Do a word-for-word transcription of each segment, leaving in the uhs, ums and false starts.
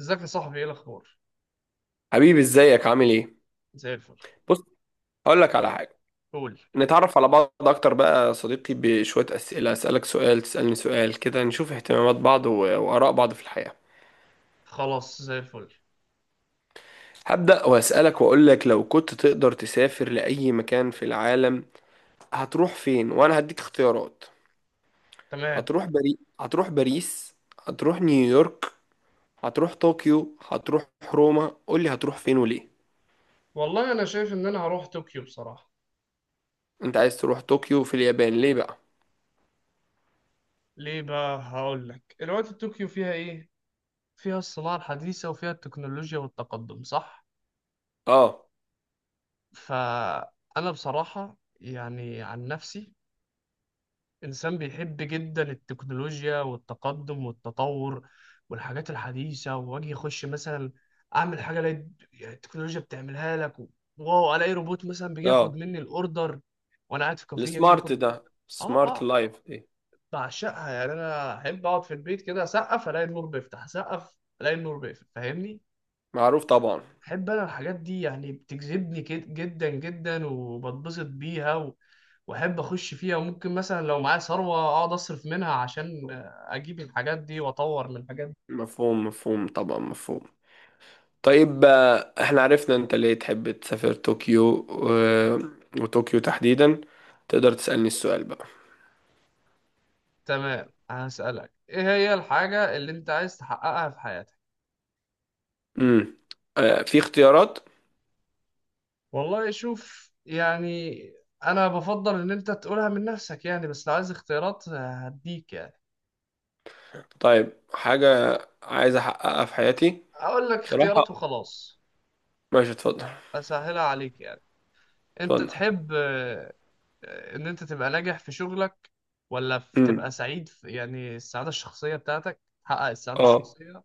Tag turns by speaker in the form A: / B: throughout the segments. A: ازيك يا صاحبي، ايه الاخبار؟
B: حبيبي، ازيك عامل ايه؟
A: زي الفل.
B: بص، هقول لك على حاجه.
A: قول.
B: نتعرف على بعض اكتر بقى يا صديقي بشويه اسئله، اسالك سؤال تسالني سؤال كده، نشوف اهتمامات بعض و- واراء بعض في الحياه.
A: خلاص، زي الفل.
B: هبدا واسالك واقول لك، لو كنت تقدر تسافر لاي مكان في العالم هتروح فين؟ وانا هديك اختيارات.
A: تمام.
B: هتروح بري... هتروح باريس، هتروح نيويورك، هتروح طوكيو، هتروح روما؟ قول لي هتروح فين وليه.
A: والله انا شايف ان انا هروح طوكيو بصراحه.
B: انت عايز تروح طوكيو في اليابان ليه بقى؟
A: ليه بقى؟ هقول لك الوقت. طوكيو فيها ايه؟ فيها الصناعه الحديثه، وفيها التكنولوجيا والتقدم، صح؟
B: اه.
A: فانا بصراحه يعني عن نفسي إنسان بيحب جدا التكنولوجيا والتقدم والتطور والحاجات الحديثة. وأجي أخش مثلا أعمل حاجة ألاقي يعني التكنولوجيا بتعملها لك و- واو، ألاقي روبوت مثلا بيجي ياخد
B: اه،
A: مني الأوردر وأنا قاعد في كافيه، يجي
B: السمارت
A: ياخد
B: ده،
A: مني.
B: سمارت
A: آه آه.
B: لايف.
A: بعشقها يعني. أنا أحب أقعد في البيت كده، أسقف ألاقي النور بيفتح، أسقف ألاقي النور بيقفل، فاهمني؟
B: معروف طبعا.
A: أحب أنا الحاجات دي، يعني بتجذبني كد- جدا جدا، وبتبسط بيها. واحب اخش فيها، وممكن مثلا لو معايا ثروه اقعد اصرف منها عشان اجيب الحاجات دي واطور من الحاجات دي.
B: مفهوم، مفهوم طبعا مفهوم طيب آه، احنا عرفنا انت ليه تحب تسافر طوكيو و... وطوكيو تحديدا. تقدر تسألني السؤال بقى.
A: تمام، هسألك ايه هي الحاجه اللي انت عايز تحققها في حياتك؟
B: امم آه، في اختيارات.
A: والله شوف يعني، انا بفضل ان انت تقولها من نفسك يعني، بس لو عايز اختيارات هديك يعني.
B: طيب، حاجة عايز احققها في حياتي
A: اقول لك اختيارات
B: بصراحة.
A: وخلاص.
B: ماشي، اتفضل.
A: اسهلها عليك يعني. انت
B: اتفضل.
A: تحب، آه، آه، ان انت تبقى ناجح في شغلك؟ ولا في- تبقى
B: امم
A: سعيد في يعني السعاده الشخصيه بتاعتك، تحقق السعاده
B: اه.
A: الشخصيه؟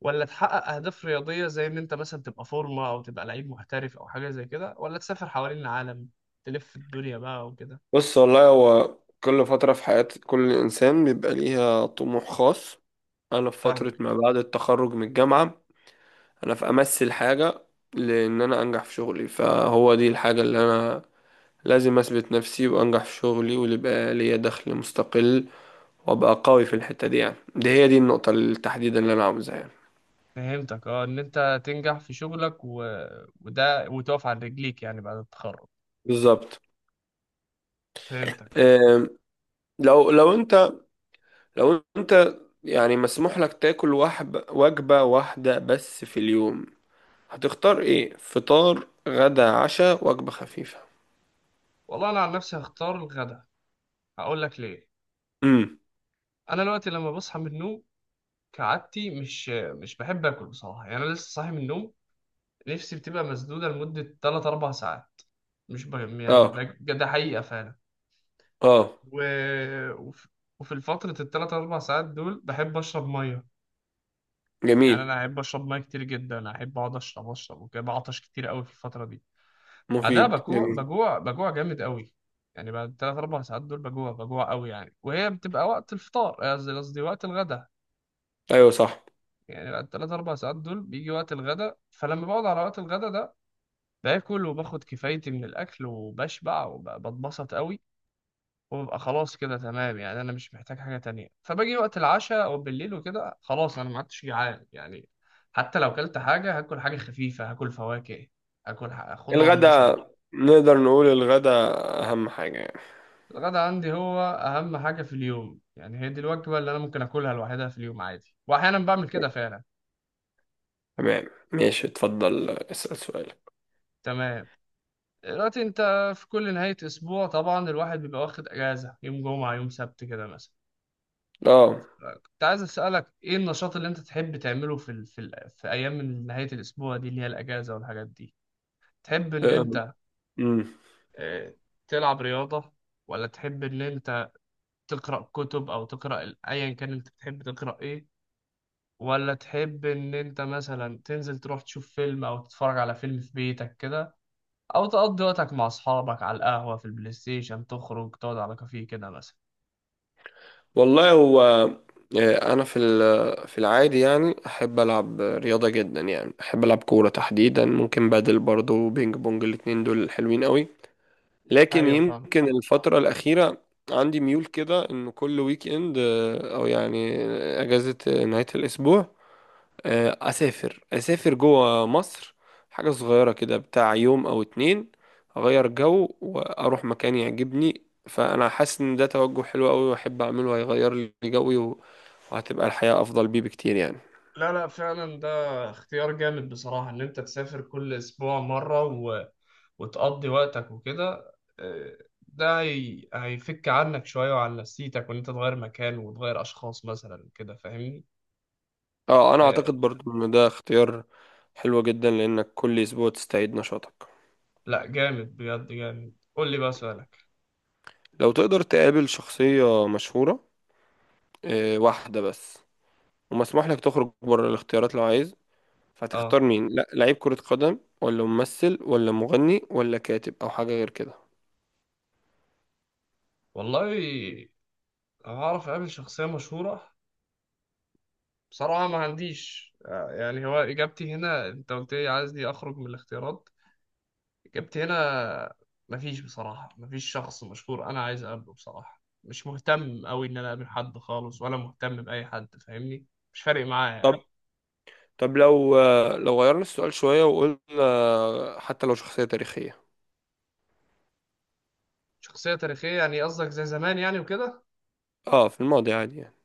A: ولا تحقق أهداف رياضية، زي إن أنت مثلا تبقى فورمة أو تبقى لعيب محترف أو حاجة زي كده؟ ولا تسافر حوالين العالم، تلف الدنيا بقى وكده؟
B: بص، والله هو كل فترة في حياة كل انسان بيبقى ليها طموح خاص. انا في فترة ما
A: فاهمك.
B: بعد التخرج من الجامعة، انا في امثل حاجة، لان انا انجح في شغلي، فهو دي الحاجة اللي انا لازم اثبت نفسي وانجح في شغلي، واللي يبقى ليا دخل مستقل وابقى قوي في الحتة دي. يعني دي هي، دي النقطة التحديدا اللي انا عاوزها يعني.
A: فهمتك اه، إن أنت تنجح في شغلك و... وده وتقف على رجليك يعني بعد التخرج.
B: بالظبط.
A: فهمتك اه.
B: أم، لو لو انت لو انت يعني مسموح لك تاكل وحب وجبة واحدة بس في اليوم، هتختار ايه؟ فطار، غدا، عشاء، وجبة خفيفة؟
A: والله أنا عن نفسي هختار الغدا. هقول لك ليه.
B: امم
A: أنا دلوقتي لما بصحى من النوم كعادتي مش مش بحب آكل بصراحة. يعني أنا لسه صاحي من النوم، نفسي بتبقى مسدودة لمدة ثلاثة أربعة ساعات. مش ب... يعني
B: اه.
A: ده ده حقيقة فعلا
B: اه،
A: و... وف- وفي فترة التلات أربع ساعات دول بحب أشرب مية. يعني
B: جميل.
A: أنا أحب أشرب مية كتير جدا، أحب أقعد أشرب أشرب وكده، بعطش كتير أوي في الفترة دي. بعدها
B: مفيد،
A: بجوع
B: جميل.
A: بجوع بجوع جامد أوي. يعني بعد التلات أربع ساعات دول بجوع بجوع أوي يعني، وهي بتبقى وقت الفطار، آه، قصدي قصدي وقت الغدا.
B: ايوه صح.
A: يعني بعد التلات أربع ساعات دول بيجي وقت الغدا، فلما بقعد على وقت الغدا ده باكل وباخد كفايتي من الأكل وبشبع وبتبسط أوي، وببقى خلاص كده تمام. يعني انا مش محتاج حاجه تانية، فباجي وقت العشاء او بالليل وكده خلاص انا ما عدتش جعان يعني. حتى لو اكلت حاجه هاكل حاجه خفيفه، هاكل فواكه، هاكل ح- خضار مثلا.
B: الغدا، نقدر نقول الغدا أهم حاجة يعني.
A: الغدا عندي هو اهم حاجه في اليوم يعني، هي دي الوجبه اللي انا ممكن اكلها لوحدها في اليوم عادي، واحيانا بعمل كده فعلا.
B: تمام. ماشي، اتفضل اسأل سؤالك.
A: تمام، دلوقتي انت في كل نهايه اسبوع طبعا الواحد بيبقى واخد اجازه، يوم جمعه يوم سبت كده مثلا،
B: اه.
A: كنت عايز أسألك إيه النشاط اللي أنت تحب تعمله في ال... في, ال... في أيام من نهاية الأسبوع دي اللي هي الأجازة والحاجات دي. تحب إن
B: آه،
A: أنت،
B: أمم.
A: آه، تلعب رياضة؟ ولا تحب إن أنت تقرأ كتب، أو تقرأ ال- أيا كان أنت بتحب تقرأ إيه؟ ولا تحب إن أنت مثلا تنزل تروح تشوف فيلم أو تتفرج على فيلم في بيتك كده، أو تقضي وقتك مع أصحابك على القهوة، في البلاي ستيشن، تخرج تقعد على كافيه كده مثلا؟
B: والله هو، آه، أنا في ال- في العادي يعني أحب ألعب رياضة جدا، يعني أحب ألعب كورة تحديدا، ممكن بادل برضه وبينج بونج، الاتنين دول حلوين قوي. لكن
A: ايوه فاهم.
B: يمكن الفترة الأخيرة عندي ميول كده، إنه كل ويك إند، آه، أو يعني أجازة نهاية الأسبوع، آه، اسافر اسافر جوه مصر، حاجه صغيره كده بتاع يوم او اتنين، اغير جو واروح مكان يعجبني. فانا حاسس ان ده توجه حلو قوي واحب اعمله، هيغير لي جوي و- وهتبقى الحياه افضل بيه بكتير يعني.
A: لا لا، فعلا ده اختيار جامد بصراحة، ان انت تسافر كل اسبوع مرة وتقضي وقتك وكده، آه، ده هي- هيفك عنك شوية وعن نفسيتك، وإن أنت تغير مكان وتغير أشخاص مثلا كده، فاهمني؟
B: اه، انا
A: آه،
B: اعتقد برضو ان ده اختيار حلو جدا، لانك كل اسبوع تستعيد نشاطك.
A: لا جامد، بجد جامد. قول لي بقى سؤالك.
B: لو تقدر تقابل شخصيه مشهوره، آه، واحده بس، ومسموح لك تخرج بره الاختيارات لو عايز، فهتختار
A: اه
B: مين؟ لا لعيب كرة قدم، ولا ممثل، ولا مغني، ولا كاتب، او حاجة غير كده.
A: والله، لو هعرف أقابل شخصية مشهورة بصراحة، ما عنديش آه، يعني، هو إجابتي هنا أنت قلت لي عايز دي أخرج من الاختيارات، جبت هنا مفيش بصراحة. مفيش شخص مشهور أنا عايز أقابله بصراحة، مش مهتم أوي إن أنا أقابل حد خالص، ولا مهتم بأي حد فاهمني، مش فارق معايا يعني.
B: طب، طب لو لو غيرنا السؤال شوية وقلنا حتى لو شخصية تاريخية.
A: شخصية تاريخية، يعني قصدك زي زمان يعني وكده؟
B: اه، في الماضي عادي يعني.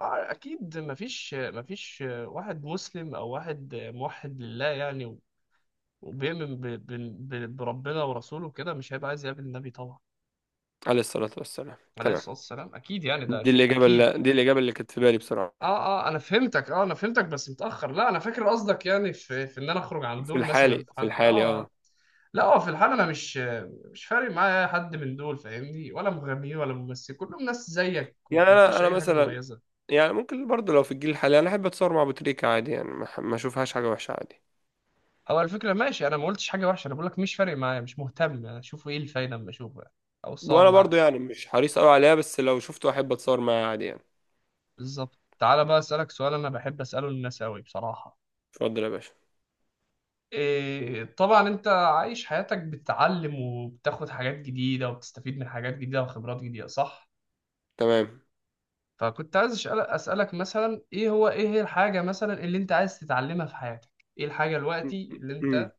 A: آه أكيد. مفيش مفيش واحد مسلم أو واحد موحد لله يعني، وبيؤمن ب- ب- ب- بربنا ورسوله كده، مش هيبقى عايز يقابل النبي طبعا.
B: عليه الصلاة والسلام،
A: عليه
B: تمام.
A: الصلاة والسلام، أكيد يعني، ده
B: دي
A: شيء
B: الإجابة
A: أكيد.
B: اللي دي الإجابة اللي كانت في بالي
A: اه.
B: بصراحة.
A: اه انا فهمتك، اه انا فهمتك بس متاخر. لا انا فاكر قصدك، يعني في في ان انا اخرج عن
B: في
A: دول، مثلا
B: الحالي،
A: في
B: في
A: حد،
B: الحالي
A: اه.
B: اه.
A: لا اه، في الحال انا مش مش فارق معايا حد من دول، فاهمني، ولا مغنيين ولا ممثل، كلهم ناس زيك
B: يعني أنا
A: ومفيش
B: أنا
A: اي حاجه
B: مثلا،
A: مميزه.
B: يعني ممكن برضه، لو في الجيل الحالي، أنا أحب أتصور مع أبو تريكة عادي يعني، ما ما أشوفهاش حاجة وحشة عادي.
A: او على فكره ماشي، انا ما قلتش حاجه وحشه، انا بقول لك مش فارق معايا، مش مهتم اشوف ايه الفايده اما اشوفه يعني، او اتصور
B: وأنا
A: معاك.
B: برضه يعني مش حريص أوي عليها، بس لو شفته أحب أتصور معاه عادي يعني.
A: بالظبط. تعالى بقى اسالك سؤال انا بحب اساله للناس قوي بصراحه.
B: اتفضل يا باشا.
A: إيه، طبعا انت عايش حياتك بتتعلم وبتاخد حاجات جديدة وبتستفيد من حاجات جديدة وخبرات جديدة، صح؟
B: تمام.
A: فكنت عايز أسأل- اسألك مثلا، ايه هو ايه هي الحاجة مثلا اللي انت عايز تتعلمها في حياتك؟ ايه الحاجة دلوقتي اللي
B: مم.
A: انت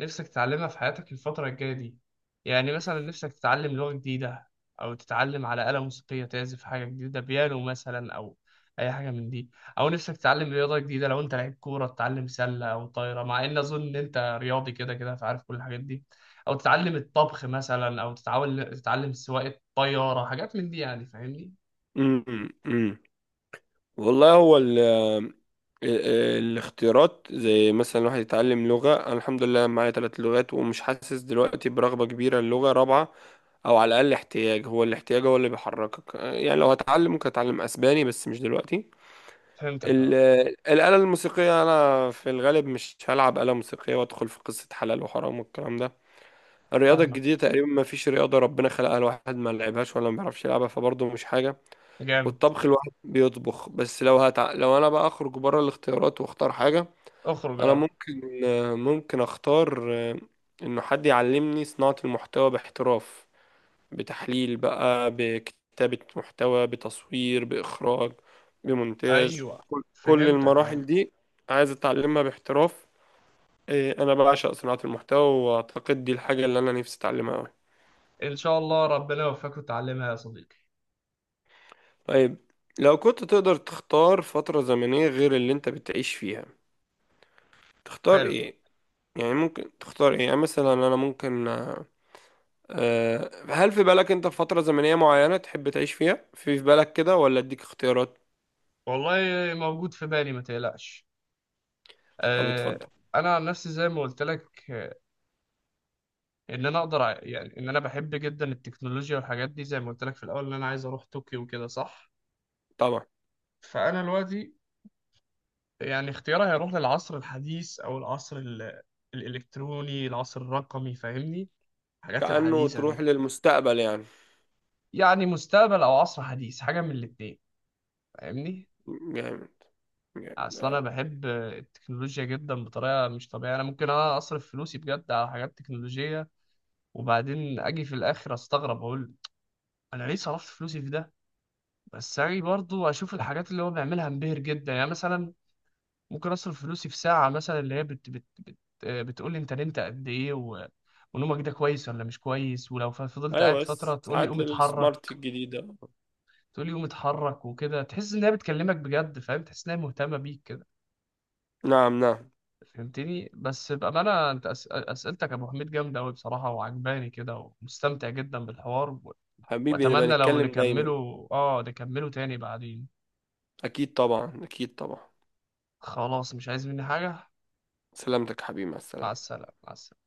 A: نفسك تتعلمها في حياتك الفترة الجاية دي، يعني مثلا نفسك تتعلم لغة جديدة، أو تتعلم على آلة موسيقية تعزف حاجة جديدة، بيانو مثلا، أو أي حاجة من دي، أو نفسك تتعلم رياضة جديدة، لو أنت لعيب كورة تتعلم سلة أو طايرة، مع إن أظن إن أنت رياضي كده كده فعارف كل الحاجات دي، أو تتعلم الطبخ مثلا، أو تتعاون تتعلم سواقة طيارة، حاجات من دي يعني، فاهمني؟
B: مم. مم. والله هو ال آه، آه، الاختيارات، زي مثلا الواحد يتعلم لغة، أنا الحمد لله معايا ثلاث لغات ومش حاسس دلوقتي برغبة كبيرة للغة رابعة، أو على الأقل احتياج، هو الاحتياج هو اللي بيحركك. آه، يعني لو هتعلم ممكن أتعلم أسباني بس مش دلوقتي.
A: فهمتك
B: ال-
A: أه.
B: الآلة الموسيقية أنا في الغالب مش هلعب آلة موسيقية وأدخل في قصة حلال وحرام والكلام ده. الرياضة
A: فاهمك.
B: الجديدة تقريبا ما فيش رياضة ربنا خلقها الواحد ما لعبهاش ولا ما بيعرفش يلعبها، فبرضه مش حاجة.
A: جامد.
B: والطبخ الواحد بيطبخ. بس لو هتع... لو انا بقى اخرج بره الاختيارات واختار حاجة،
A: اخرج
B: انا
A: أه.
B: ممكن آه، ممكن اختار آه، انه حد يعلمني صناعة المحتوى باحتراف، بتحليل بقى، بكتابة محتوى، بتصوير، بإخراج، بمونتاج،
A: أيوه
B: كل
A: فهمتك أه.
B: المراحل دي عايز اتعلمها باحتراف. آه، انا بعشق صناعة المحتوى، واعتقد دي الحاجة اللي انا نفسي اتعلمها أوي.
A: إن شاء الله ربنا يوفقك وتعلمها يا صديقي.
B: طيب، لو كنت تقدر تختار فترة زمنية غير اللي انت بتعيش فيها، تختار
A: حلو.
B: ايه؟ يعني ممكن تختار ايه؟ يعني مثلا انا ممكن، آه، آه، هل في بالك انت في فترة زمنية معينة تحب تعيش فيها، في في بالك كده، ولا اديك اختيارات؟
A: والله موجود في بالي ما تقلقش.
B: طب
A: آه،
B: اتفضل.
A: انا عن نفسي زي ما قلت لك، آه، ان انا اقدر ع- يعني ان انا بحب جدا التكنولوجيا والحاجات دي، زي ما قلت لك في الاول ان انا عايز اروح طوكيو وكده صح.
B: طبعا.
A: فانا دلوقتي يعني اختياري هيروح للعصر الحديث، او العصر ال- الالكتروني، العصر الرقمي فاهمني، الحاجات
B: كأنه
A: الحديثة
B: تروح
A: دي.
B: للمستقبل يعني.
A: يعني مستقبل او عصر حديث، حاجة من الاتنين، فاهمني.
B: جامد، جامد.
A: اصل انا بحب التكنولوجيا جدا بطريقة مش طبيعية، انا ممكن انا اصرف فلوسي بجد على حاجات تكنولوجية، وبعدين اجي في الاخر استغرب اقول انا ليه صرفت فلوسي في ده. بس اجي برضو اشوف الحاجات اللي هو بيعملها انبهر جدا. يعني مثلا ممكن اصرف فلوسي في ساعه مثلا، اللي هي بت بت بت آه، بتقول لي انت نمت قد ايه و... ونومك ده كويس ولا مش كويس، ولو ف- فضلت قاعد
B: ايوه،
A: فتره تقول لي
B: ساعات
A: قوم اتحرك.
B: السمارت الجديدة.
A: تقول لي قوم اتحرك وكده، تحس ان هي بتكلمك بجد، فاهم تحس ان هي مهتمه بيك كده.
B: نعم، نعم.
A: فهمتني؟ بس بامانه انت أس... اسئلتك يا ابو حميد جامده قوي بصراحه، وعجباني كده، ومستمتع جدا بالحوار.
B: حبيبي، نبقى
A: واتمنى لو
B: نتكلم دايما.
A: نكمله اه نكمله تاني بعدين.
B: اكيد طبعا، اكيد طبعا.
A: خلاص، مش عايز مني حاجة.
B: سلامتك يا حبيبي، مع
A: مع
B: السلامة.
A: السلامة، مع السلامة.